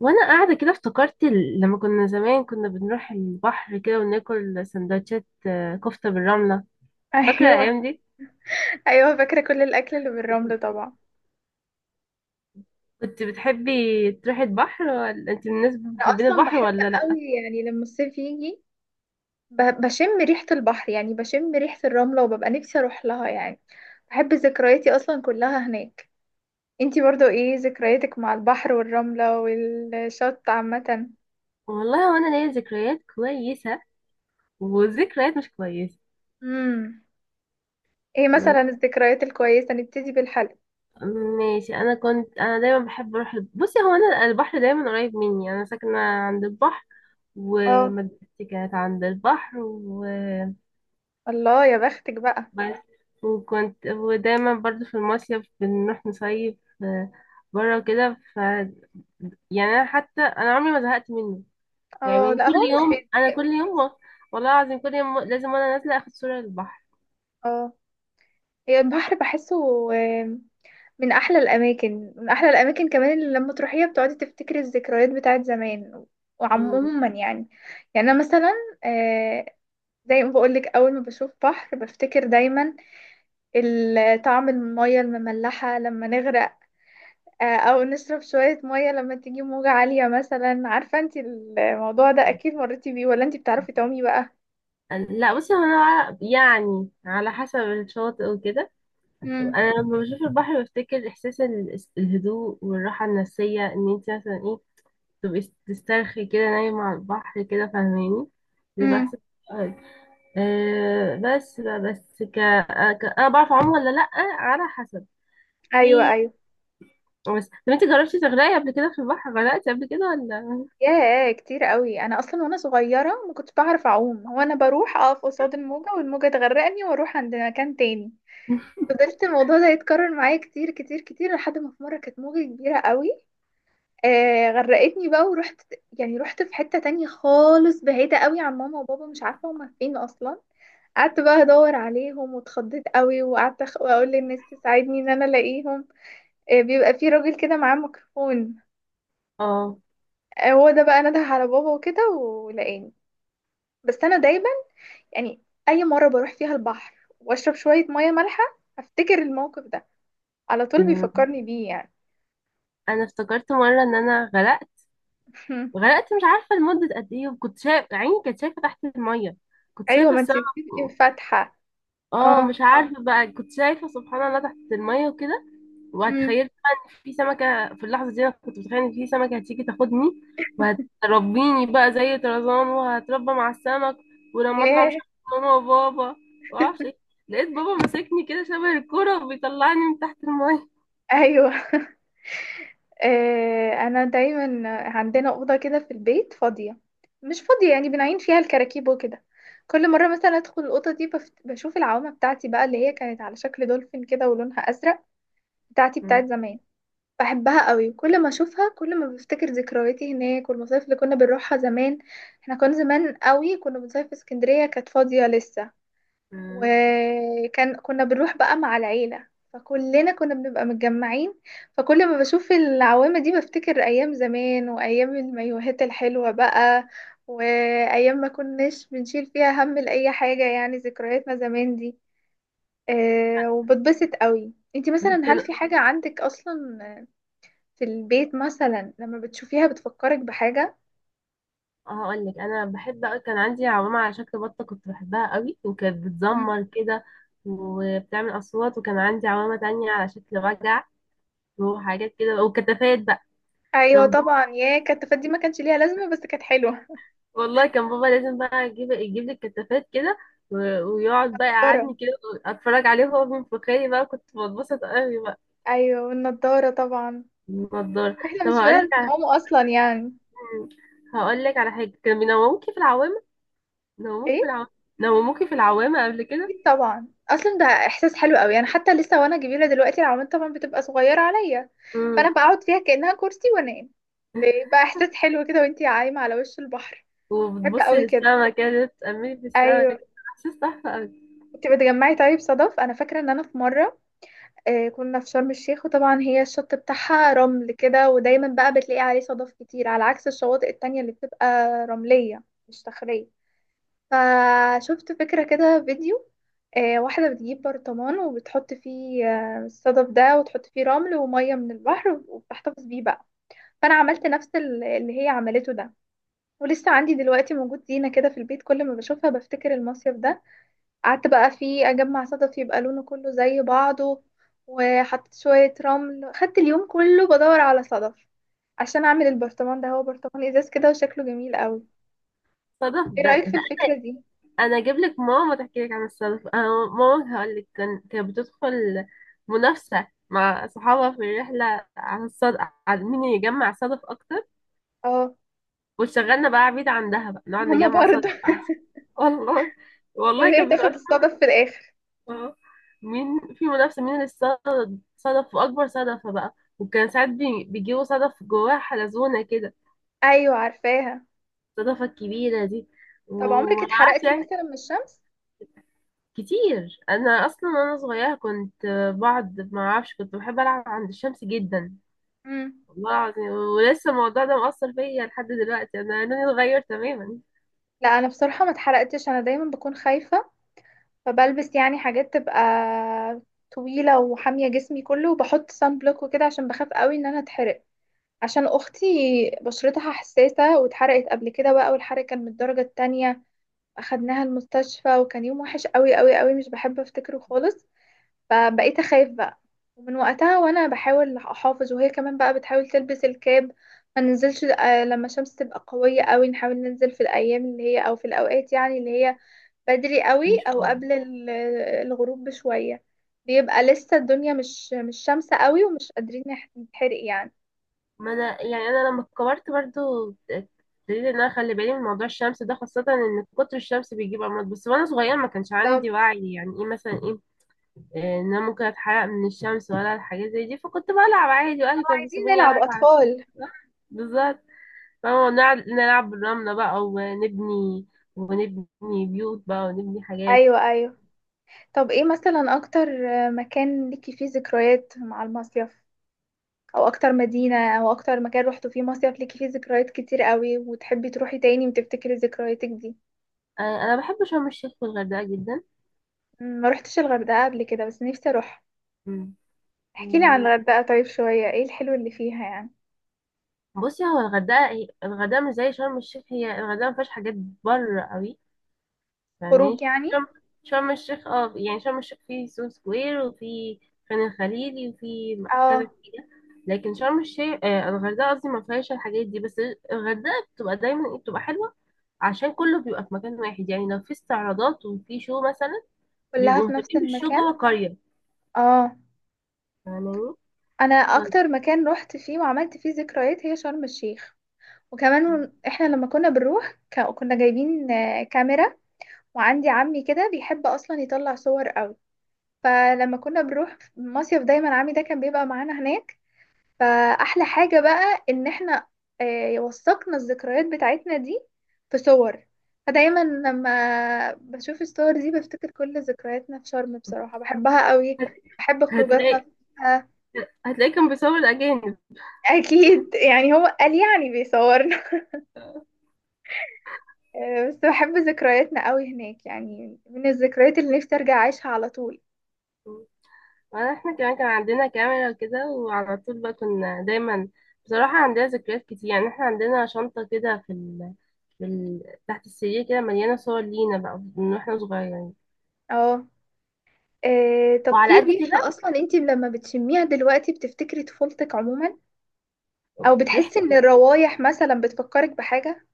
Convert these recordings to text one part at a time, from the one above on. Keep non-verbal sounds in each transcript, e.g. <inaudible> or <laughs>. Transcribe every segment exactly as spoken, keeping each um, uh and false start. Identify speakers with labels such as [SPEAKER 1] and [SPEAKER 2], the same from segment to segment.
[SPEAKER 1] وانا قاعده كده افتكرت ال- لما كنا زمان كنا بنروح البحر كده وناكل سندوتشات، آه، كفته بالرمله.
[SPEAKER 2] <laughs>
[SPEAKER 1] فاكره
[SPEAKER 2] ايوه،
[SPEAKER 1] الايام دي.
[SPEAKER 2] ايوه. فاكره كل الاكل اللي بالرمل طبعا.
[SPEAKER 1] كنت بتحبي تروحي البحر، ولا انت من الناس
[SPEAKER 2] انا
[SPEAKER 1] محبين
[SPEAKER 2] اصلا
[SPEAKER 1] البحر
[SPEAKER 2] بحب
[SPEAKER 1] ولا لا؟
[SPEAKER 2] قوي. يعني لما الصيف يجي ب- بشم ريحه البحر، يعني بشم ريحه الرمله وببقى نفسي اروح لها يعني. بحب ذكرياتي اصلا كلها هناك. انتي برضو ايه ذكرياتك مع البحر والرمله والشط عامه؟
[SPEAKER 1] والله، وانا ليا ذكريات كويسه وذكريات مش كويسه.
[SPEAKER 2] امم. ايه
[SPEAKER 1] بس
[SPEAKER 2] مثلا الذكريات الكويسه؟ نبتدي بالحلق.
[SPEAKER 1] ماشي، انا كنت انا دايما بحب اروح الب- بصي، هو انا البحر دايما قريب مني، انا ساكنه عند البحر.
[SPEAKER 2] اه.
[SPEAKER 1] ومدرستي كانت عند البحر.
[SPEAKER 2] الله يا بختك بقى.
[SPEAKER 1] بس، وكنت ودايما برضو في المصيف بنروح نصيف بره وكده، ف يعني انا حتى انا عمري ما زهقت منه.
[SPEAKER 2] اه،
[SPEAKER 1] يعني
[SPEAKER 2] لا هو
[SPEAKER 1] كل
[SPEAKER 2] مش
[SPEAKER 1] يوم انا
[SPEAKER 2] بيتضايق
[SPEAKER 1] كل
[SPEAKER 2] مني.
[SPEAKER 1] يوم، و- والله العظيم كل يوم لازم وانا نازله اخد صوره للبحر.
[SPEAKER 2] اه، هي البحر بحسه من احلى الاماكن، من احلى الاماكن كمان اللي لما تروحيها بتقعدي تفتكري الذكريات بتاعت زمان.
[SPEAKER 1] مم.
[SPEAKER 2] وعموما يعني، يعني انا مثلا آه، زي ما بقولك اول ما بشوف بحر بفتكر دايما ال- طعم المية المملحة لما نغرق، آه، او نشرب شوية مية لما تيجي موجة عالية مثلا. عارفة انت الموضوع ده اكيد مريتي بيه؟ ولا انت بتعرفي تعومي بقى؟
[SPEAKER 1] لا بصي، هو انا يعني على حسب الشاطئ وكده.
[SPEAKER 2] امم.
[SPEAKER 1] انا لما بشوف البحر بفتكر احساس ال- الهدوء والراحه النفسيه، ان انت مثلا ايه، تبقي تسترخي كده نايمه على البحر كده، فاهماني؟ بيبقى
[SPEAKER 2] امم.
[SPEAKER 1] احساس. آه، آه بس بقى- بس ك... آه، ك... انا بعرف اعوم ولا لا؟ على حسب. في
[SPEAKER 2] ايوه، ايوه.
[SPEAKER 1] بس طب انت جربتي تغرقي قبل كده في البحر، غرقتي قبل كده ولا؟
[SPEAKER 2] ياه، كتير قوي. انا اصلا وانا صغيره ما كنتش بعرف اعوم، هو انا بروح اقف قصاد الموجه والموجه تغرقني واروح عند مكان تاني. فضلت الموضوع ده يتكرر معايا كتير كتير كتير لحد ما في مره كانت موجه كبيره قوي آه غرقتني بقى، ورحت يعني رحت في حته تانية خالص بعيده قوي عن ماما وبابا، مش عارفه هما فين اصلا. قعدت بقى ادور عليهم واتخضيت قوي، وقعدت أخ- اقول للناس تساعدني ان انا الاقيهم. آه، بيبقى في راجل كده معاه ميكروفون.
[SPEAKER 1] اه.
[SPEAKER 2] آه، هو ده بقى نده على بابا وكده ولقاني. بس انا دايما يعني، اي مره بروح فيها البحر واشرب شويه ميه مالحه افتكر الموقف ده، على طول
[SPEAKER 1] أمم.
[SPEAKER 2] بيفكرني بيه يعني.
[SPEAKER 1] انا افتكرت مره ان انا غرقت.
[SPEAKER 2] <laughs>
[SPEAKER 1] غرقت مش عارفه لمده قد ايه، وكنت شايف عيني كانت شايفه تحت الميه، كنت
[SPEAKER 2] ايوه،
[SPEAKER 1] شايفه
[SPEAKER 2] ما انت
[SPEAKER 1] السما.
[SPEAKER 2] بتبقي فاتحه.
[SPEAKER 1] اه،
[SPEAKER 2] اه.
[SPEAKER 1] مش عارفه بقى، كنت شايفه سبحان الله تحت الميه وكده.
[SPEAKER 2] امم.
[SPEAKER 1] وتخيلت بقى ان في سمكه، في اللحظه دي انا كنت متخيله ان في سمكه هتيجي تاخدني، وهتربيني بقى زي طرزان وهتربى مع السمك. ولما اطلع مش
[SPEAKER 2] ياه.
[SPEAKER 1] هبقى ماما وبابا، معرفش ايه. لقيت بابا ماسكني كده شبه الكوره وبيطلعني من تحت الميه.
[SPEAKER 2] ايوه. <laughs> آه، انا دايما عندنا اوضه كده في البيت فاضيه، مش فاضيه يعني بنعين فيها الكراكيب وكده. كل مره مثلا ادخل الاوضه دي بف- بشوف العوامه بتاعتي بقى، اللي هي كانت على شكل دولفين كده ولونها ازرق، بتاعتي بتاعت
[SPEAKER 1] م-
[SPEAKER 2] زمان. بحبها قوي، كل ما اشوفها كل ما بفتكر ذكرياتي هناك والمصايف اللي كنا بنروحها زمان. احنا كنا زمان قوي كنا بنصيف في اسكندرية كانت فاضية لسه،
[SPEAKER 1] م.
[SPEAKER 2] وكان كنا بنروح بقى مع العيلة فكلنا كنا بنبقى متجمعين. فكل ما بشوف العوامة دي بفتكر ايام زمان وايام المايوهات الحلوة بقى، وايام ما كناش بنشيل فيها هم لأي حاجة، يعني ذكرياتنا زمان دي. أه، وبتبسط قوي. انتي
[SPEAKER 1] بي-
[SPEAKER 2] مثلا
[SPEAKER 1] كان
[SPEAKER 2] هل في حاجة عندك اصلا في البيت مثلا لما بتشوفيها بتفكرك بحاجة؟
[SPEAKER 1] هقول لك انا بحب أوي- كان عندي عمامة على شكل بطه، كنت بحبها قوي وكانت
[SPEAKER 2] مم.
[SPEAKER 1] بتزمر كده وبتعمل اصوات. وكان عندي عمامة تانية على شكل وجع وحاجات كده، وكتافات بقى.
[SPEAKER 2] ايوه
[SPEAKER 1] كان
[SPEAKER 2] طبعا، يا كانت دي ما كانش ليها لازمة بس كانت حلوة.
[SPEAKER 1] والله كان بابا لازم بقى يجيب يجيب لي الكتافات كده، و- ويقعد بقى
[SPEAKER 2] نضارة.
[SPEAKER 1] يقعدني كده اتفرج عليه وهو بينفخني بقى، كنت بتبسط قوي بقى.
[SPEAKER 2] ايوه، والنضارة طبعا.
[SPEAKER 1] النضاره.
[SPEAKER 2] احنا
[SPEAKER 1] طب
[SPEAKER 2] مش
[SPEAKER 1] هقول لك
[SPEAKER 2] بنعرف
[SPEAKER 1] على
[SPEAKER 2] نعوم اصلا يعني.
[SPEAKER 1] هقول لك على حاجه، كانوا بينوموكي في العوامه، نوموكي في
[SPEAKER 2] ايه
[SPEAKER 1] العوامه نوموكي في العوامه قبل كده.
[SPEAKER 2] اكيد طبعا، اصلا ده احساس حلو قوي. انا حتى لسه وانا كبيرة دلوقتي العوامات طبعا بتبقى صغيرة عليا، فانا
[SPEAKER 1] امم.
[SPEAKER 2] بقعد فيها كأنها كرسي وانام، بيبقى احساس حلو كده وانتي عايمة على وش البحر. بحب
[SPEAKER 1] وبتبصي
[SPEAKER 2] قوي كده.
[SPEAKER 1] للسما كده، تأملي في السما
[SPEAKER 2] ايوه.
[SPEAKER 1] كده، احساس تحفه قوي.
[SPEAKER 2] كنت بتجمعي طيب صدف؟ انا فاكرة ان انا في مرة آه، كنا في شرم الشيخ، وطبعا هي الشط بتاعها رمل كده ودايما بقى بتلاقي عليه صدف كتير على عكس الشواطئ التانية اللي بتبقى رملية مش صخرية. فشفت فكرة كده فيديو، آه، واحدة بتجيب برطمان وبتحط فيه آه، الصدف ده وتحط فيه رمل ومية من البحر وبتحتفظ بيه بقى. فأنا عملت نفس ال- اللي هي عملته ده، ولسه عندي دلوقتي موجود زينة كده في البيت كل ما بشوفها بفتكر المصيف ده. قعدت بقى فيه اجمع صدف يبقى لونه كله زي بعضه، وحطيت شوية رمل، خدت اليوم كله بدور على صدف عشان اعمل البرطمان ده. هو برطمان ازاز كده وشكله جميل قوي.
[SPEAKER 1] صدف
[SPEAKER 2] ايه
[SPEAKER 1] ده.
[SPEAKER 2] رأيك في الفكرة دي؟
[SPEAKER 1] انا اجيب لك ماما تحكي لك عن السالفه، انا ماما هقول لك كان- كانت بتدخل منافسه مع صحابها في الرحله على الصدف، على مين يجمع صدف اكتر،
[SPEAKER 2] اه،
[SPEAKER 1] وشغلنا بقى عبيد عندها بقى نقعد
[SPEAKER 2] ماما
[SPEAKER 1] نجمع
[SPEAKER 2] برضه.
[SPEAKER 1] صدف بقى. والله
[SPEAKER 2] <laughs>
[SPEAKER 1] والله
[SPEAKER 2] وهي
[SPEAKER 1] كان
[SPEAKER 2] تاخد
[SPEAKER 1] بيبقى.
[SPEAKER 2] الصدف في الاخر.
[SPEAKER 1] آه. مين في منافسه، مين اللي صدف صدف واكبر صدفه بقى، وكان ساعات بي- بيجيبوا صدف جواها حلزونه كده،
[SPEAKER 2] ايوه عارفاها.
[SPEAKER 1] الصدفه الكبيره دي.
[SPEAKER 2] طب عمرك
[SPEAKER 1] وما اعرفش
[SPEAKER 2] اتحرقتي
[SPEAKER 1] يعني.
[SPEAKER 2] مثلا من الشمس؟
[SPEAKER 1] كتير، انا اصلا وانا صغيره كنت، بعد ما اعرفش كنت بحب العب عند الشمس جدا.
[SPEAKER 2] امم.
[SPEAKER 1] والله العظيم، ولسه الموضوع ده مؤثر فيا لحد دلوقتي، انا لوني اتغير تماما.
[SPEAKER 2] لا انا بصراحة ما اتحرقتش، انا دايما بكون خايفة، فبلبس يعني حاجات تبقى طويلة وحامية جسمي كله، وبحط صن بلوك وكده عشان بخاف قوي ان انا اتحرق. عشان اختي بشرتها حساسه واتحرقت قبل كده بقى، والحرق كان من الدرجه التانية، اخدناها المستشفى وكان يوم وحش قوي قوي قوي مش بحب افتكره خالص. فبقيت اخاف بقى، ومن وقتها وانا بحاول احافظ، وهي كمان بقى بتحاول تلبس الكاب. ما ننزلش آه، لما الشمس تبقى قويه قوي، نحاول ننزل في الايام اللي هي او في الاوقات يعني اللي هي بدري قوي
[SPEAKER 1] مش
[SPEAKER 2] او
[SPEAKER 1] قوي.
[SPEAKER 2] قبل ال- الغروب بشويه، بيبقى لسه الدنيا مش مش شمسة قوي ومش قادرين نح- نتحرق يعني.
[SPEAKER 1] ما انا يعني انا لما كبرت برضو ابتديت ان انا اخلي بالي من موضوع الشمس ده، خاصه ان كتر الشمس بيجيب امراض. بس وانا صغيره ما كانش عندي وعي، يعني ايه مثلا ايه، آه، ان انا ممكن اتحرق من الشمس ولا الحاجات زي دي، فكنت بلعب عادي واهلي كانوا
[SPEAKER 2] عايزين
[SPEAKER 1] بيسيبوني
[SPEAKER 2] نلعب
[SPEAKER 1] العب على الشمس.
[SPEAKER 2] أطفال.
[SPEAKER 1] بالظبط. اه، نلعب نلعب بالرملة بقى ونبني، ونبني بيوت بقى، ونبني حاجات.
[SPEAKER 2] أيوة أيوة. طب إيه مثلا أكتر مكان ليكي فيه ذكريات مع المصيف؟ أو أكتر مدينة أو أكتر مكان روحتوا فيه مصيف ليكي فيه ذكريات كتير قوي وتحبي تروحي تاني وتفتكري ذكرياتك دي؟
[SPEAKER 1] آه، انا بحب شرم الشيخ والغردقة جدا.
[SPEAKER 2] م، ما روحتش الغردقة قبل كده بس نفسي أروح.
[SPEAKER 1] مم.
[SPEAKER 2] احكيلي عن
[SPEAKER 1] و-
[SPEAKER 2] الغردقة طيب شوية، إيه الحلو اللي فيها يعني؟
[SPEAKER 1] بصي، هو الغردقة هي- الغردقة مش زي شرم الشيخ، هي الغردقة مفيهاش حاجات بره قوي،
[SPEAKER 2] خروج
[SPEAKER 1] فاهماني؟
[SPEAKER 2] يعني.
[SPEAKER 1] شرم شرم الشيخ، اه يعني شرم الشيخ فيه سو سكوير، وفي خان الخليلي، وفي م- كذا
[SPEAKER 2] اه.
[SPEAKER 1] حاجة. لكن شرم الشيخ، آه الغردقة قصدي، مفيهاش الحاجات دي. بس الغردقة بتبقى دايما إيه، بتبقى حلوة، عشان كله بيبقى في مكان واحد، يعني لو في استعراضات وفي شو مثلا،
[SPEAKER 2] كلها
[SPEAKER 1] بيبقوا
[SPEAKER 2] في نفس
[SPEAKER 1] مهتمين بالشو
[SPEAKER 2] المكان.
[SPEAKER 1] جوه قرية
[SPEAKER 2] اه.
[SPEAKER 1] يعني.
[SPEAKER 2] أنا
[SPEAKER 1] <laughs>
[SPEAKER 2] أكتر مكان روحت فيه وعملت فيه ذكريات هي شرم الشيخ. وكمان هن- احنا لما كنا بنروح ك- كنا جايبين آه، كاميرا، وعندي عمي كده بيحب اصلا يطلع صور قوي، فلما كنا بنروح مصيف دايما عمي ده كان بيبقى معانا هناك. فاحلى حاجة بقى ان احنا آه، وثقنا الذكريات بتاعتنا دي في صور. فدايما لما بشوف الصور دي بفتكر كل ذكرياتنا في شرم، بصراحة بحبها قوي، بحب
[SPEAKER 1] هتلاقي
[SPEAKER 2] خروجاتنا فيها.
[SPEAKER 1] هتلاقي كان بيصور الأجانب.
[SPEAKER 2] اكيد يعني هو قال يعني بيصور. آه، بس بحب ذكرياتنا قوي هناك يعني، من الذكريات اللي نفسي ارجع اعيشها على طول.
[SPEAKER 1] احنا كمان كان عندنا كاميرا كده وعلى طول بقى كنا دايما، بصراحة عندنا ذكريات كتير يعني، احنا عندنا شنطة كده في ال... في ال... تحت السرير كده، مليانة صور لينا بقى من واحنا صغيرين،
[SPEAKER 2] اه. آه، طب
[SPEAKER 1] وعلى
[SPEAKER 2] في
[SPEAKER 1] قد
[SPEAKER 2] ريحة
[SPEAKER 1] كده.
[SPEAKER 2] أصلا أنت لما بتشميها دلوقتي بتفتكري طفولتك عموما؟ أو
[SPEAKER 1] ريحة
[SPEAKER 2] بتحسي إن الروايح مثلا بتفكرك بحاجة؟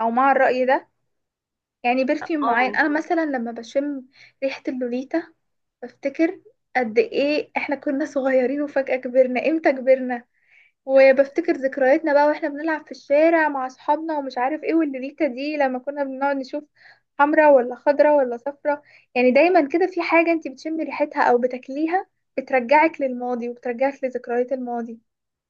[SPEAKER 2] أو مع الرأي ده يعني، برفيوم معين.
[SPEAKER 1] اه
[SPEAKER 2] أنا مثلا لما بشم ريحة اللوليتا بفتكر قد إيه إحنا كنا صغيرين وفجأة كبرنا، إمتى كبرنا؟ وبفتكر ذكرياتنا بقى واحنا بنلعب في الشارع مع اصحابنا ومش عارف ايه، والليلة دي لما كنا بنقعد نشوف حمرا ولا خضرا ولا صفرا. يعني دايما كده في حاجة انت بتشمي ريحتها او بتاكليها بترجعك للماضي وبترجعك لذكريات الماضي.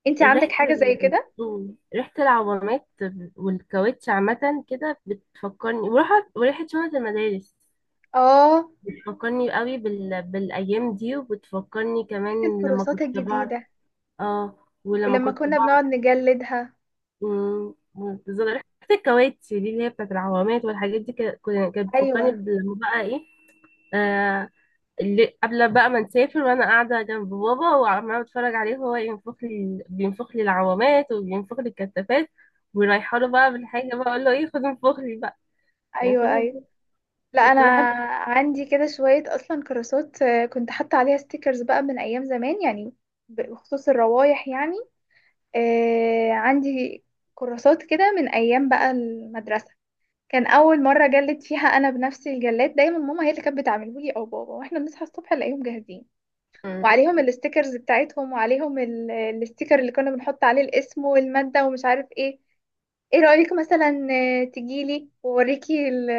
[SPEAKER 2] انت عندك
[SPEAKER 1] ريحة
[SPEAKER 2] حاجة زي
[SPEAKER 1] ال...
[SPEAKER 2] كده؟
[SPEAKER 1] مم. ريحة العوامات والكاوتش عامة كده بتفكرني، وريحة وريحة شنط المدارس،
[SPEAKER 2] اه،
[SPEAKER 1] بتفكرني قوي بال... بالأيام دي، وبتفكرني
[SPEAKER 2] ريحة
[SPEAKER 1] كمان لما
[SPEAKER 2] الكراسات
[SPEAKER 1] كنت بقعد.
[SPEAKER 2] الجديدة،
[SPEAKER 1] اه، ولما
[SPEAKER 2] ولما
[SPEAKER 1] كنت
[SPEAKER 2] كنا
[SPEAKER 1] بقعد.
[SPEAKER 2] بنقعد نجلدها.
[SPEAKER 1] مم. بالظبط، ريحة الكاوتش دي اللي هي بتاعت العوامات والحاجات دي، ك- كنا- كانت
[SPEAKER 2] ايوه
[SPEAKER 1] بتفكرني لما بقى ايه، آه، اللي قبل بقى ما نسافر، وانا قاعده جنب بابا وعماله بتفرج عليه وهو ينفخ لي بينفخ لي العوامات وبينفخ لي الكتافات، ورايحه له بقى بالحاجه بقى اقول له ايه، خد انفخ لي بقى، يعني خد
[SPEAKER 2] ايوه
[SPEAKER 1] انفخ.
[SPEAKER 2] ايوه. لا
[SPEAKER 1] كنت
[SPEAKER 2] انا
[SPEAKER 1] بحب.
[SPEAKER 2] عندي كده شويه اصلا كراسات آه، كنت حاطه عليها ستيكرز بقى من ايام زمان يعني، بخصوص الروايح يعني. آه، عندي كراسات كده من أيام بقى المدرسة، كان أول مرة جلد فيها أنا بنفسي. الجلاد دايما ماما هي اللي كانت بتعمله لي أو بابا، واحنا بنصحى الصبح نلاقيهم جاهزين
[SPEAKER 1] مم.
[SPEAKER 2] وعليهم الستيكرز بتاعتهم وعليهم ال- الستيكر اللي كنا بنحط عليه الاسم والمادة ومش عارف ايه. ايه رأيك مثلا آه، تجيلي ووريكي ال-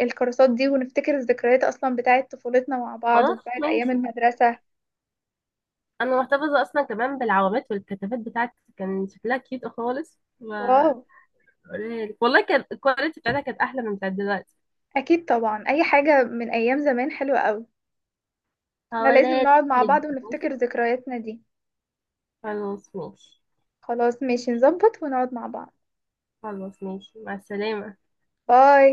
[SPEAKER 2] آه، الكراسات دي ونفتكر الذكريات أصلا بتاعت طفولتنا مع بعض
[SPEAKER 1] خلاص
[SPEAKER 2] وبتاعت أيام
[SPEAKER 1] ماشي.
[SPEAKER 2] المدرسة؟
[SPEAKER 1] انا محتفظه اصلا كمان بالعوامات والكتافات بتاعتي، كان شكلها كيوت خالص
[SPEAKER 2] واو،
[SPEAKER 1] وهوريها لك، والله كان الكواليتي بتاعتها كانت احلى من بتاعت دلوقتي.
[SPEAKER 2] أكيد طبعا أي حاجة من أيام زمان حلوة أوي. احنا لازم
[SPEAKER 1] هوريها لك
[SPEAKER 2] نقعد مع بعض
[SPEAKER 1] ماشي؟
[SPEAKER 2] ونفتكر ذكرياتنا دي.
[SPEAKER 1] خلاص ماشي،
[SPEAKER 2] خلاص ماشي، نظبط ونقعد مع بعض.
[SPEAKER 1] خلاص ماشي، مع السلامه.
[SPEAKER 2] باي.